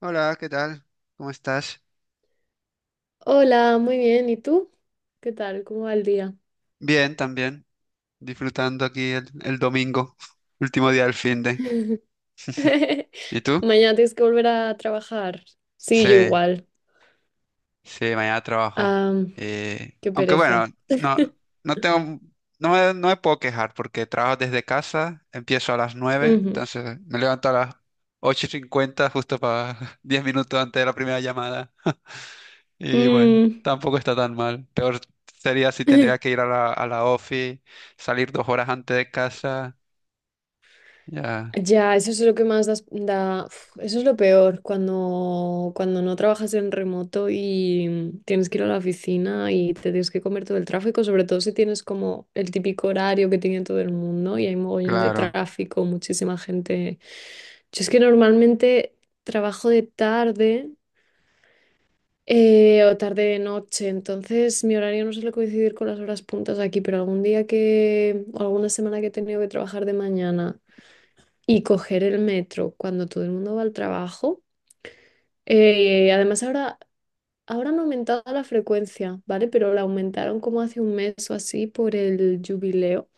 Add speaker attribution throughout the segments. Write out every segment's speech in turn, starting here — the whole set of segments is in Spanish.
Speaker 1: Hola, ¿qué tal? ¿Cómo estás?
Speaker 2: Hola, muy bien. ¿Y tú? ¿Qué tal? ¿Cómo va el día?
Speaker 1: Bien, también. Disfrutando aquí el domingo, último día del fin de. ¿Y tú?
Speaker 2: Mañana tienes que volver a trabajar.
Speaker 1: Sí,
Speaker 2: Sí, yo igual.
Speaker 1: sí, mañana trabajo.
Speaker 2: Ah, qué
Speaker 1: Aunque bueno,
Speaker 2: pereza.
Speaker 1: no, no tengo, no me puedo quejar porque trabajo desde casa, empiezo a las 9,
Speaker 2: Ujú.
Speaker 1: entonces me levanto a las 8:50 justo para 10 minutos antes de la primera llamada. Y bueno,
Speaker 2: Mm.
Speaker 1: tampoco está tan mal. Peor sería si tendría que ir a la ofi, salir 2 horas antes de casa. Ya,
Speaker 2: Ya, eso es lo que da, uf, eso es lo peor, cuando no trabajas en remoto y tienes que ir a la oficina y te tienes que comer todo el tráfico, sobre todo si tienes como el típico horario que tiene todo el mundo y hay mogollón de
Speaker 1: claro.
Speaker 2: tráfico, muchísima gente. Yo es que normalmente trabajo de tarde, o tarde de noche, entonces mi horario no suele coincidir con las horas puntas aquí, pero algún día que, o alguna semana que he tenido que trabajar de mañana y coger el metro cuando todo el mundo va al trabajo, eh, además ahora, ahora han aumentado la frecuencia, ¿vale? Pero la aumentaron como hace un mes o así por el jubileo.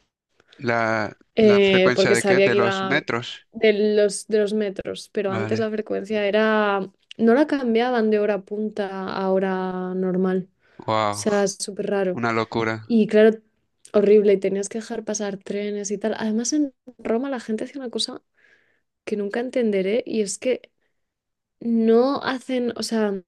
Speaker 1: La frecuencia
Speaker 2: Porque
Speaker 1: de qué?
Speaker 2: sabía
Speaker 1: De
Speaker 2: que
Speaker 1: los
Speaker 2: iba
Speaker 1: metros.
Speaker 2: de los metros, pero antes
Speaker 1: Vale.
Speaker 2: la frecuencia era, no la cambiaban de hora punta a hora normal, o
Speaker 1: Wow,
Speaker 2: sea, es súper raro.
Speaker 1: una locura.
Speaker 2: Y claro, horrible, y tenías que dejar pasar trenes y tal. Además, en Roma la gente hacía una cosa que nunca entenderé, y es que no hacen, o sea,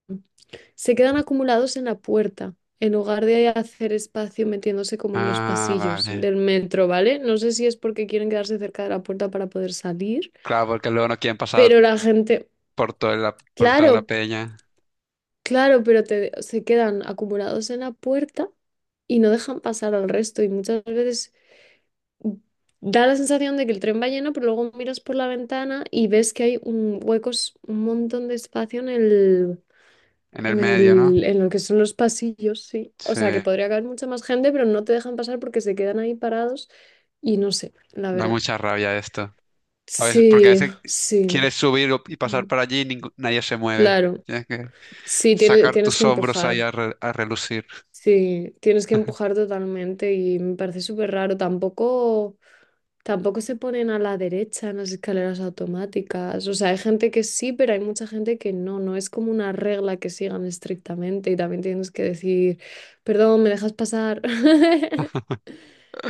Speaker 2: se quedan acumulados en la puerta, en lugar de hacer espacio metiéndose como en los
Speaker 1: Ah,
Speaker 2: pasillos
Speaker 1: vale.
Speaker 2: del metro, ¿vale? No sé si es porque quieren quedarse cerca de la puerta para poder salir,
Speaker 1: Claro, porque luego no quieren pasar
Speaker 2: pero la gente,
Speaker 1: por toda la
Speaker 2: claro,
Speaker 1: peña
Speaker 2: claro, pero se quedan acumulados en la puerta y no dejan pasar al resto, y muchas veces da la sensación de que el tren va lleno, pero luego miras por la ventana y ves que hay un huecos, un montón de espacio en el…
Speaker 1: en el
Speaker 2: En
Speaker 1: medio, ¿no?
Speaker 2: el, en lo que son los pasillos, sí. O
Speaker 1: Sí,
Speaker 2: sea, que podría caber mucha más gente, pero no te dejan pasar porque se quedan ahí parados y no sé, la
Speaker 1: da
Speaker 2: verdad.
Speaker 1: mucha rabia esto. A veces, porque a
Speaker 2: Sí,
Speaker 1: veces
Speaker 2: sí.
Speaker 1: quieres subir y
Speaker 2: mm,
Speaker 1: pasar por allí y nadie se mueve.
Speaker 2: Claro.
Speaker 1: Tienes que
Speaker 2: Sí,
Speaker 1: sacar
Speaker 2: tienes
Speaker 1: tus
Speaker 2: que
Speaker 1: hombros ahí
Speaker 2: empujar.
Speaker 1: a relucir.
Speaker 2: Sí, tienes que empujar totalmente y me parece súper raro. Tampoco, tampoco se ponen a la derecha en las escaleras automáticas. O sea, hay gente que sí, pero hay mucha gente que no. No es como una regla que sigan estrictamente, y también tienes que decir, perdón, ¿me dejas pasar?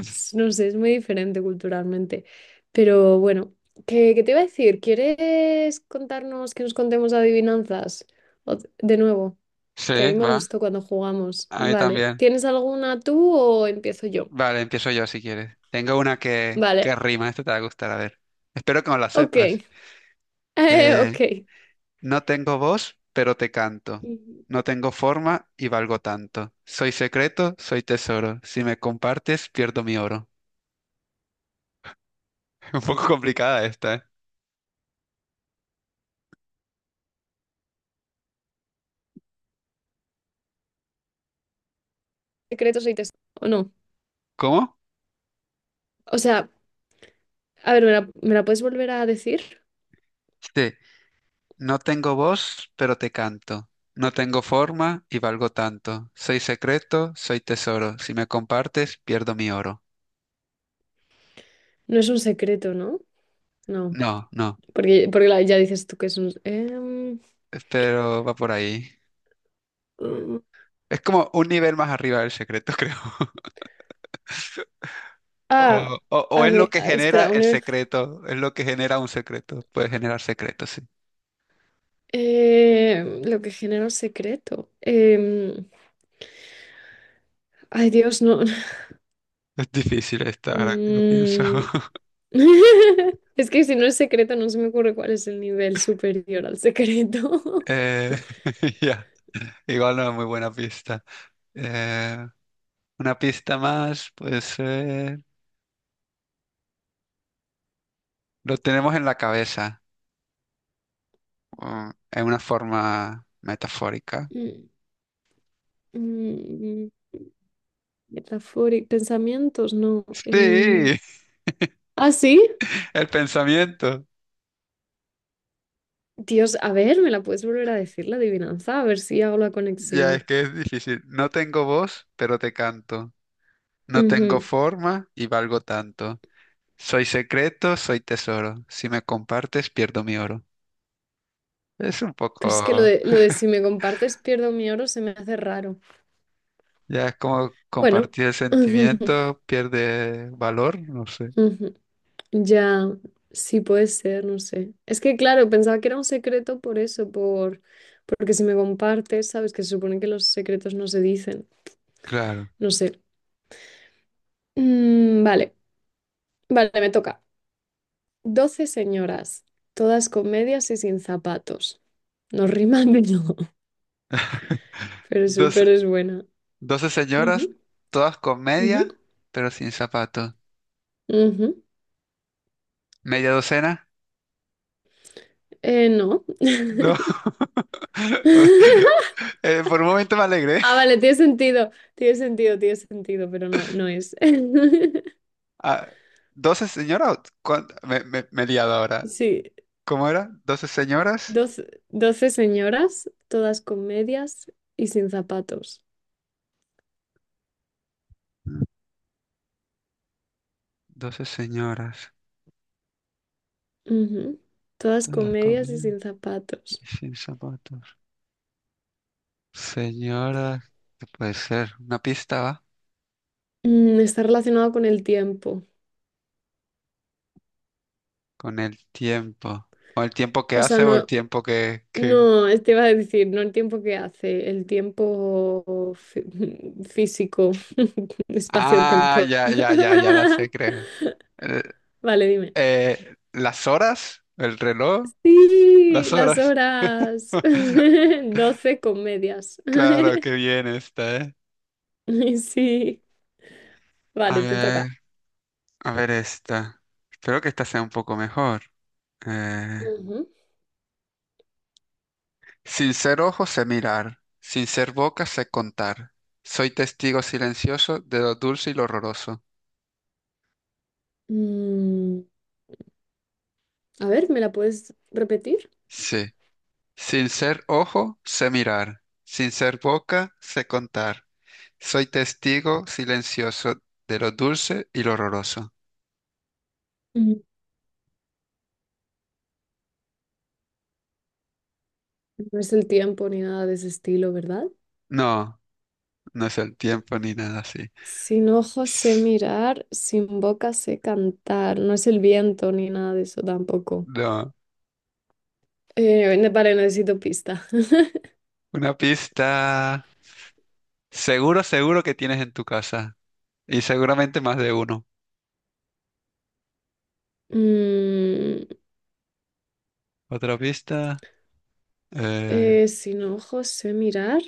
Speaker 2: No sé, es muy diferente culturalmente. Pero bueno, ¿qué te iba a decir? ¿Quieres contarnos, que nos contemos adivinanzas? De nuevo, que a
Speaker 1: Sí,
Speaker 2: mí me
Speaker 1: va.
Speaker 2: gustó cuando jugamos.
Speaker 1: A mí
Speaker 2: Vale.
Speaker 1: también.
Speaker 2: ¿Tienes alguna tú o empiezo yo?
Speaker 1: Vale, empiezo yo si quieres. Tengo una que
Speaker 2: Vale.
Speaker 1: rima, esta te va a gustar, a ver. Espero que no la
Speaker 2: Ok.
Speaker 1: sepas. Eh,
Speaker 2: Ok.
Speaker 1: no tengo voz, pero te canto.
Speaker 2: Mm,
Speaker 1: No tengo forma y valgo tanto. Soy secreto, soy tesoro. Si me compartes, pierdo mi oro. Un poco complicada esta, ¿eh?
Speaker 2: Secretos y tesoros. ¿O no?
Speaker 1: ¿Cómo?
Speaker 2: O sea, a ver, ¿me la puedes volver a decir?
Speaker 1: Sí. No tengo voz, pero te canto. No tengo forma y valgo tanto. Soy secreto, soy tesoro. Si me compartes, pierdo mi oro.
Speaker 2: No es un secreto, ¿no? No.
Speaker 1: No, no.
Speaker 2: Porque ya dices tú que es un…
Speaker 1: Pero va por ahí.
Speaker 2: mm,
Speaker 1: Es como un nivel más arriba del secreto, creo.
Speaker 2: Ah,
Speaker 1: O es lo que
Speaker 2: ah,
Speaker 1: genera
Speaker 2: espera, un
Speaker 1: el
Speaker 2: nivel.
Speaker 1: secreto, es lo que genera un secreto. Puede generar secretos, sí.
Speaker 2: Lo que genera un secreto. Ay, Dios, no.
Speaker 1: Es difícil esta, ahora que lo pienso.
Speaker 2: Mm. Es que si no es secreto, no se me ocurre cuál es el nivel superior al secreto.
Speaker 1: Eh, ya. Igual no es muy buena pista. Eh, una pista más, puede ser... Lo tenemos en la cabeza, o en una forma metafórica.
Speaker 2: Mm, mm, Pensamientos, no.
Speaker 1: Sí,
Speaker 2: Ah, sí.
Speaker 1: el pensamiento.
Speaker 2: Dios, a ver, ¿me la puedes volver a decir la adivinanza? A ver si hago la
Speaker 1: Ya,
Speaker 2: conexión.
Speaker 1: es que es difícil. No tengo voz, pero te canto. No tengo
Speaker 2: Ujú.
Speaker 1: forma y valgo tanto. Soy secreto, soy tesoro. Si me compartes, pierdo mi oro. Es un
Speaker 2: Pero es que lo
Speaker 1: poco,
Speaker 2: de, lo de si me compartes pierdo mi oro se me hace raro.
Speaker 1: ya es como
Speaker 2: Bueno.
Speaker 1: compartir el sentimiento pierde valor, no sé.
Speaker 2: Ujú. Ya, sí puede ser, no sé. Es que claro, pensaba que era un secreto por eso, por… porque si me compartes, sabes que se supone que los secretos no se dicen.
Speaker 1: Claro.
Speaker 2: No sé. Mm, vale, vale, me toca. Doce señoras, todas con medias y sin zapatos. No riman, no, pero es,
Speaker 1: Doce,
Speaker 2: pero es buena.
Speaker 1: doce señoras,
Speaker 2: Ujú,
Speaker 1: todas con
Speaker 2: ujú,
Speaker 1: media, pero sin zapato.
Speaker 2: ujú.
Speaker 1: ¿Media docena?
Speaker 2: No.
Speaker 1: No. Por un momento me alegré.
Speaker 2: Ah, vale, tiene sentido, tiene sentido, tiene sentido, pero no, no es.
Speaker 1: Ah, ¿12 señoras? Me he liado ahora.
Speaker 2: Sí.
Speaker 1: ¿Cómo era? ¿12 señoras?
Speaker 2: Doce señoras, todas con medias y sin zapatos.
Speaker 1: 12 señoras,
Speaker 2: Ujú. Todas con
Speaker 1: todas
Speaker 2: medias y
Speaker 1: comidas
Speaker 2: sin
Speaker 1: y
Speaker 2: zapatos.
Speaker 1: sin zapatos. Señoras, ¿qué puede ser? Una pista va
Speaker 2: Mm, está relacionado con el tiempo.
Speaker 1: con el tiempo. O el tiempo que
Speaker 2: O sea,
Speaker 1: hace o el
Speaker 2: no,
Speaker 1: tiempo que...
Speaker 2: no, te iba a decir, no el tiempo que hace, el tiempo físico,
Speaker 1: Ah,
Speaker 2: espacio-temporal.
Speaker 1: ya, ya, ya, ya la sé, creo. Eh,
Speaker 2: Vale, dime.
Speaker 1: ¿Las horas? ¿El reloj?
Speaker 2: Sí,
Speaker 1: Las
Speaker 2: las
Speaker 1: horas.
Speaker 2: horas. Doce con medias.
Speaker 1: Claro, qué bien esta, ¿eh?
Speaker 2: Sí,
Speaker 1: A
Speaker 2: vale, te
Speaker 1: ver,
Speaker 2: toca.
Speaker 1: a ver esta. Espero que esta sea un poco mejor. Eh,
Speaker 2: Ujú.
Speaker 1: Sin ser ojos sé mirar, sin ser boca sé contar. Soy testigo silencioso de lo dulce y lo horroroso.
Speaker 2: Mm, a ver, ¿me la puedes repetir?
Speaker 1: Sí. Sin ser ojo sé mirar, sin ser boca sé contar. Soy testigo silencioso de lo dulce y lo horroroso.
Speaker 2: Mm. No es el tiempo ni nada de ese estilo, ¿verdad?
Speaker 1: No, no es el tiempo ni nada así.
Speaker 2: Sin ojos sé mirar, sin boca sé cantar. No es el viento ni nada de eso tampoco.
Speaker 1: No,
Speaker 2: Vale, necesito pista.
Speaker 1: una pista. Seguro, seguro que tienes en tu casa. Y seguramente más de uno.
Speaker 2: Mm,
Speaker 1: Otra pista. Eh,
Speaker 2: Sin ojos sé mirar,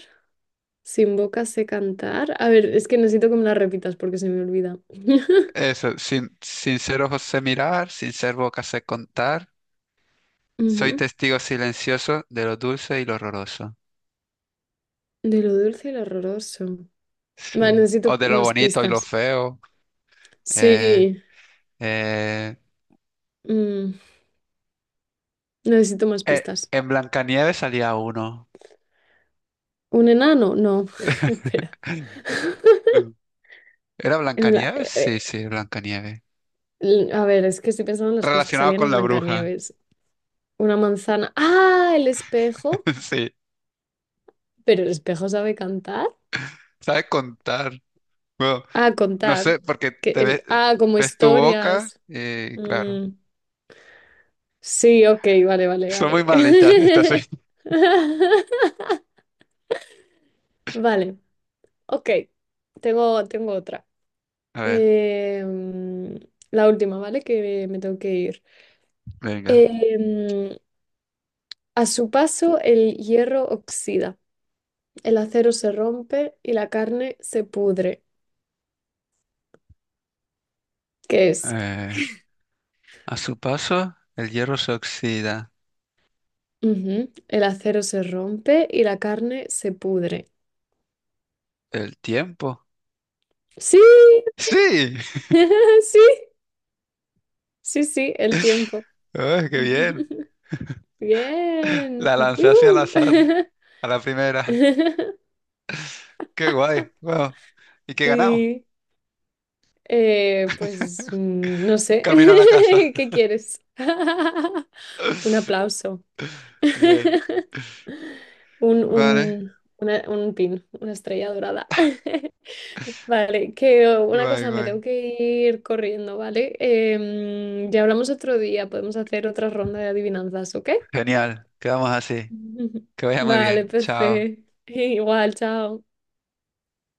Speaker 2: sin boca sé cantar. A ver, es que necesito que me la repitas porque se me olvida.
Speaker 1: Eso, sin ser ojos sé mirar, sin ser boca sé contar. Soy
Speaker 2: Ujú.
Speaker 1: testigo silencioso de lo dulce y lo horroroso.
Speaker 2: De lo dulce y lo horroroso.
Speaker 1: Sí.
Speaker 2: Vale, necesito
Speaker 1: O de lo
Speaker 2: más
Speaker 1: bonito y lo
Speaker 2: pistas.
Speaker 1: feo. Eh,
Speaker 2: Sí.
Speaker 1: eh,
Speaker 2: Mm, Necesito más
Speaker 1: eh,
Speaker 2: pistas.
Speaker 1: en Blancanieves salía uno.
Speaker 2: ¿Un enano? No. Espera.
Speaker 1: No. ¿Era
Speaker 2: En bla-
Speaker 1: Blancanieves? Sí,
Speaker 2: eh,
Speaker 1: sí, Blancanieves.
Speaker 2: a ver, es que estoy pensando en las cosas que
Speaker 1: Relacionado
Speaker 2: salían
Speaker 1: con
Speaker 2: en
Speaker 1: la bruja.
Speaker 2: Blancanieves. Una manzana. ¡Ah! El espejo.
Speaker 1: Sí.
Speaker 2: Pero el espejo sabe cantar.
Speaker 1: Sabe contar. Bueno,
Speaker 2: Ah,
Speaker 1: no sé,
Speaker 2: contar.
Speaker 1: porque
Speaker 2: Que
Speaker 1: te ves,
Speaker 2: el… Ah, como
Speaker 1: ves tu boca
Speaker 2: historias.
Speaker 1: y claro.
Speaker 2: Mm, Sí, ok, vale, vale,
Speaker 1: Son muy
Speaker 2: vale.
Speaker 1: malitas estas.
Speaker 2: Vale, ok. Tengo otra.
Speaker 1: A ver,
Speaker 2: Em, la última, ¿vale? Que me tengo que ir.
Speaker 1: venga.
Speaker 2: Em, A su paso el hierro oxida, el acero se rompe y la carne se pudre. ¿Qué es?
Speaker 1: Eh, a su paso, el hierro se oxida.
Speaker 2: Ujú. El acero se rompe y la carne se pudre.
Speaker 1: El tiempo.
Speaker 2: Sí,
Speaker 1: ¡Sí!
Speaker 2: sí, sí, sí, el tiempo.
Speaker 1: ¡Ay, qué bien!
Speaker 2: Bien.
Speaker 1: La lancé hacia el
Speaker 2: Yujú.
Speaker 1: azar, a la primera. ¡Qué guay! ¡Wow! ¿Y qué ganamos?
Speaker 2: Sí, no
Speaker 1: Un
Speaker 2: sé,
Speaker 1: camino a la casa.
Speaker 2: ¿qué quieres? Un aplauso.
Speaker 1: Bien. Vale.
Speaker 2: Un pin, una estrella dorada. Vale, que oh, una
Speaker 1: Guay,
Speaker 2: cosa, me
Speaker 1: guay.
Speaker 2: tengo que ir corriendo, ¿vale? Ya hablamos otro día, podemos hacer otra ronda de adivinanzas, ¿ok?
Speaker 1: Genial. Quedamos así. Que vaya muy
Speaker 2: Vale,
Speaker 1: bien. Chao.
Speaker 2: perfecto. Igual, chao.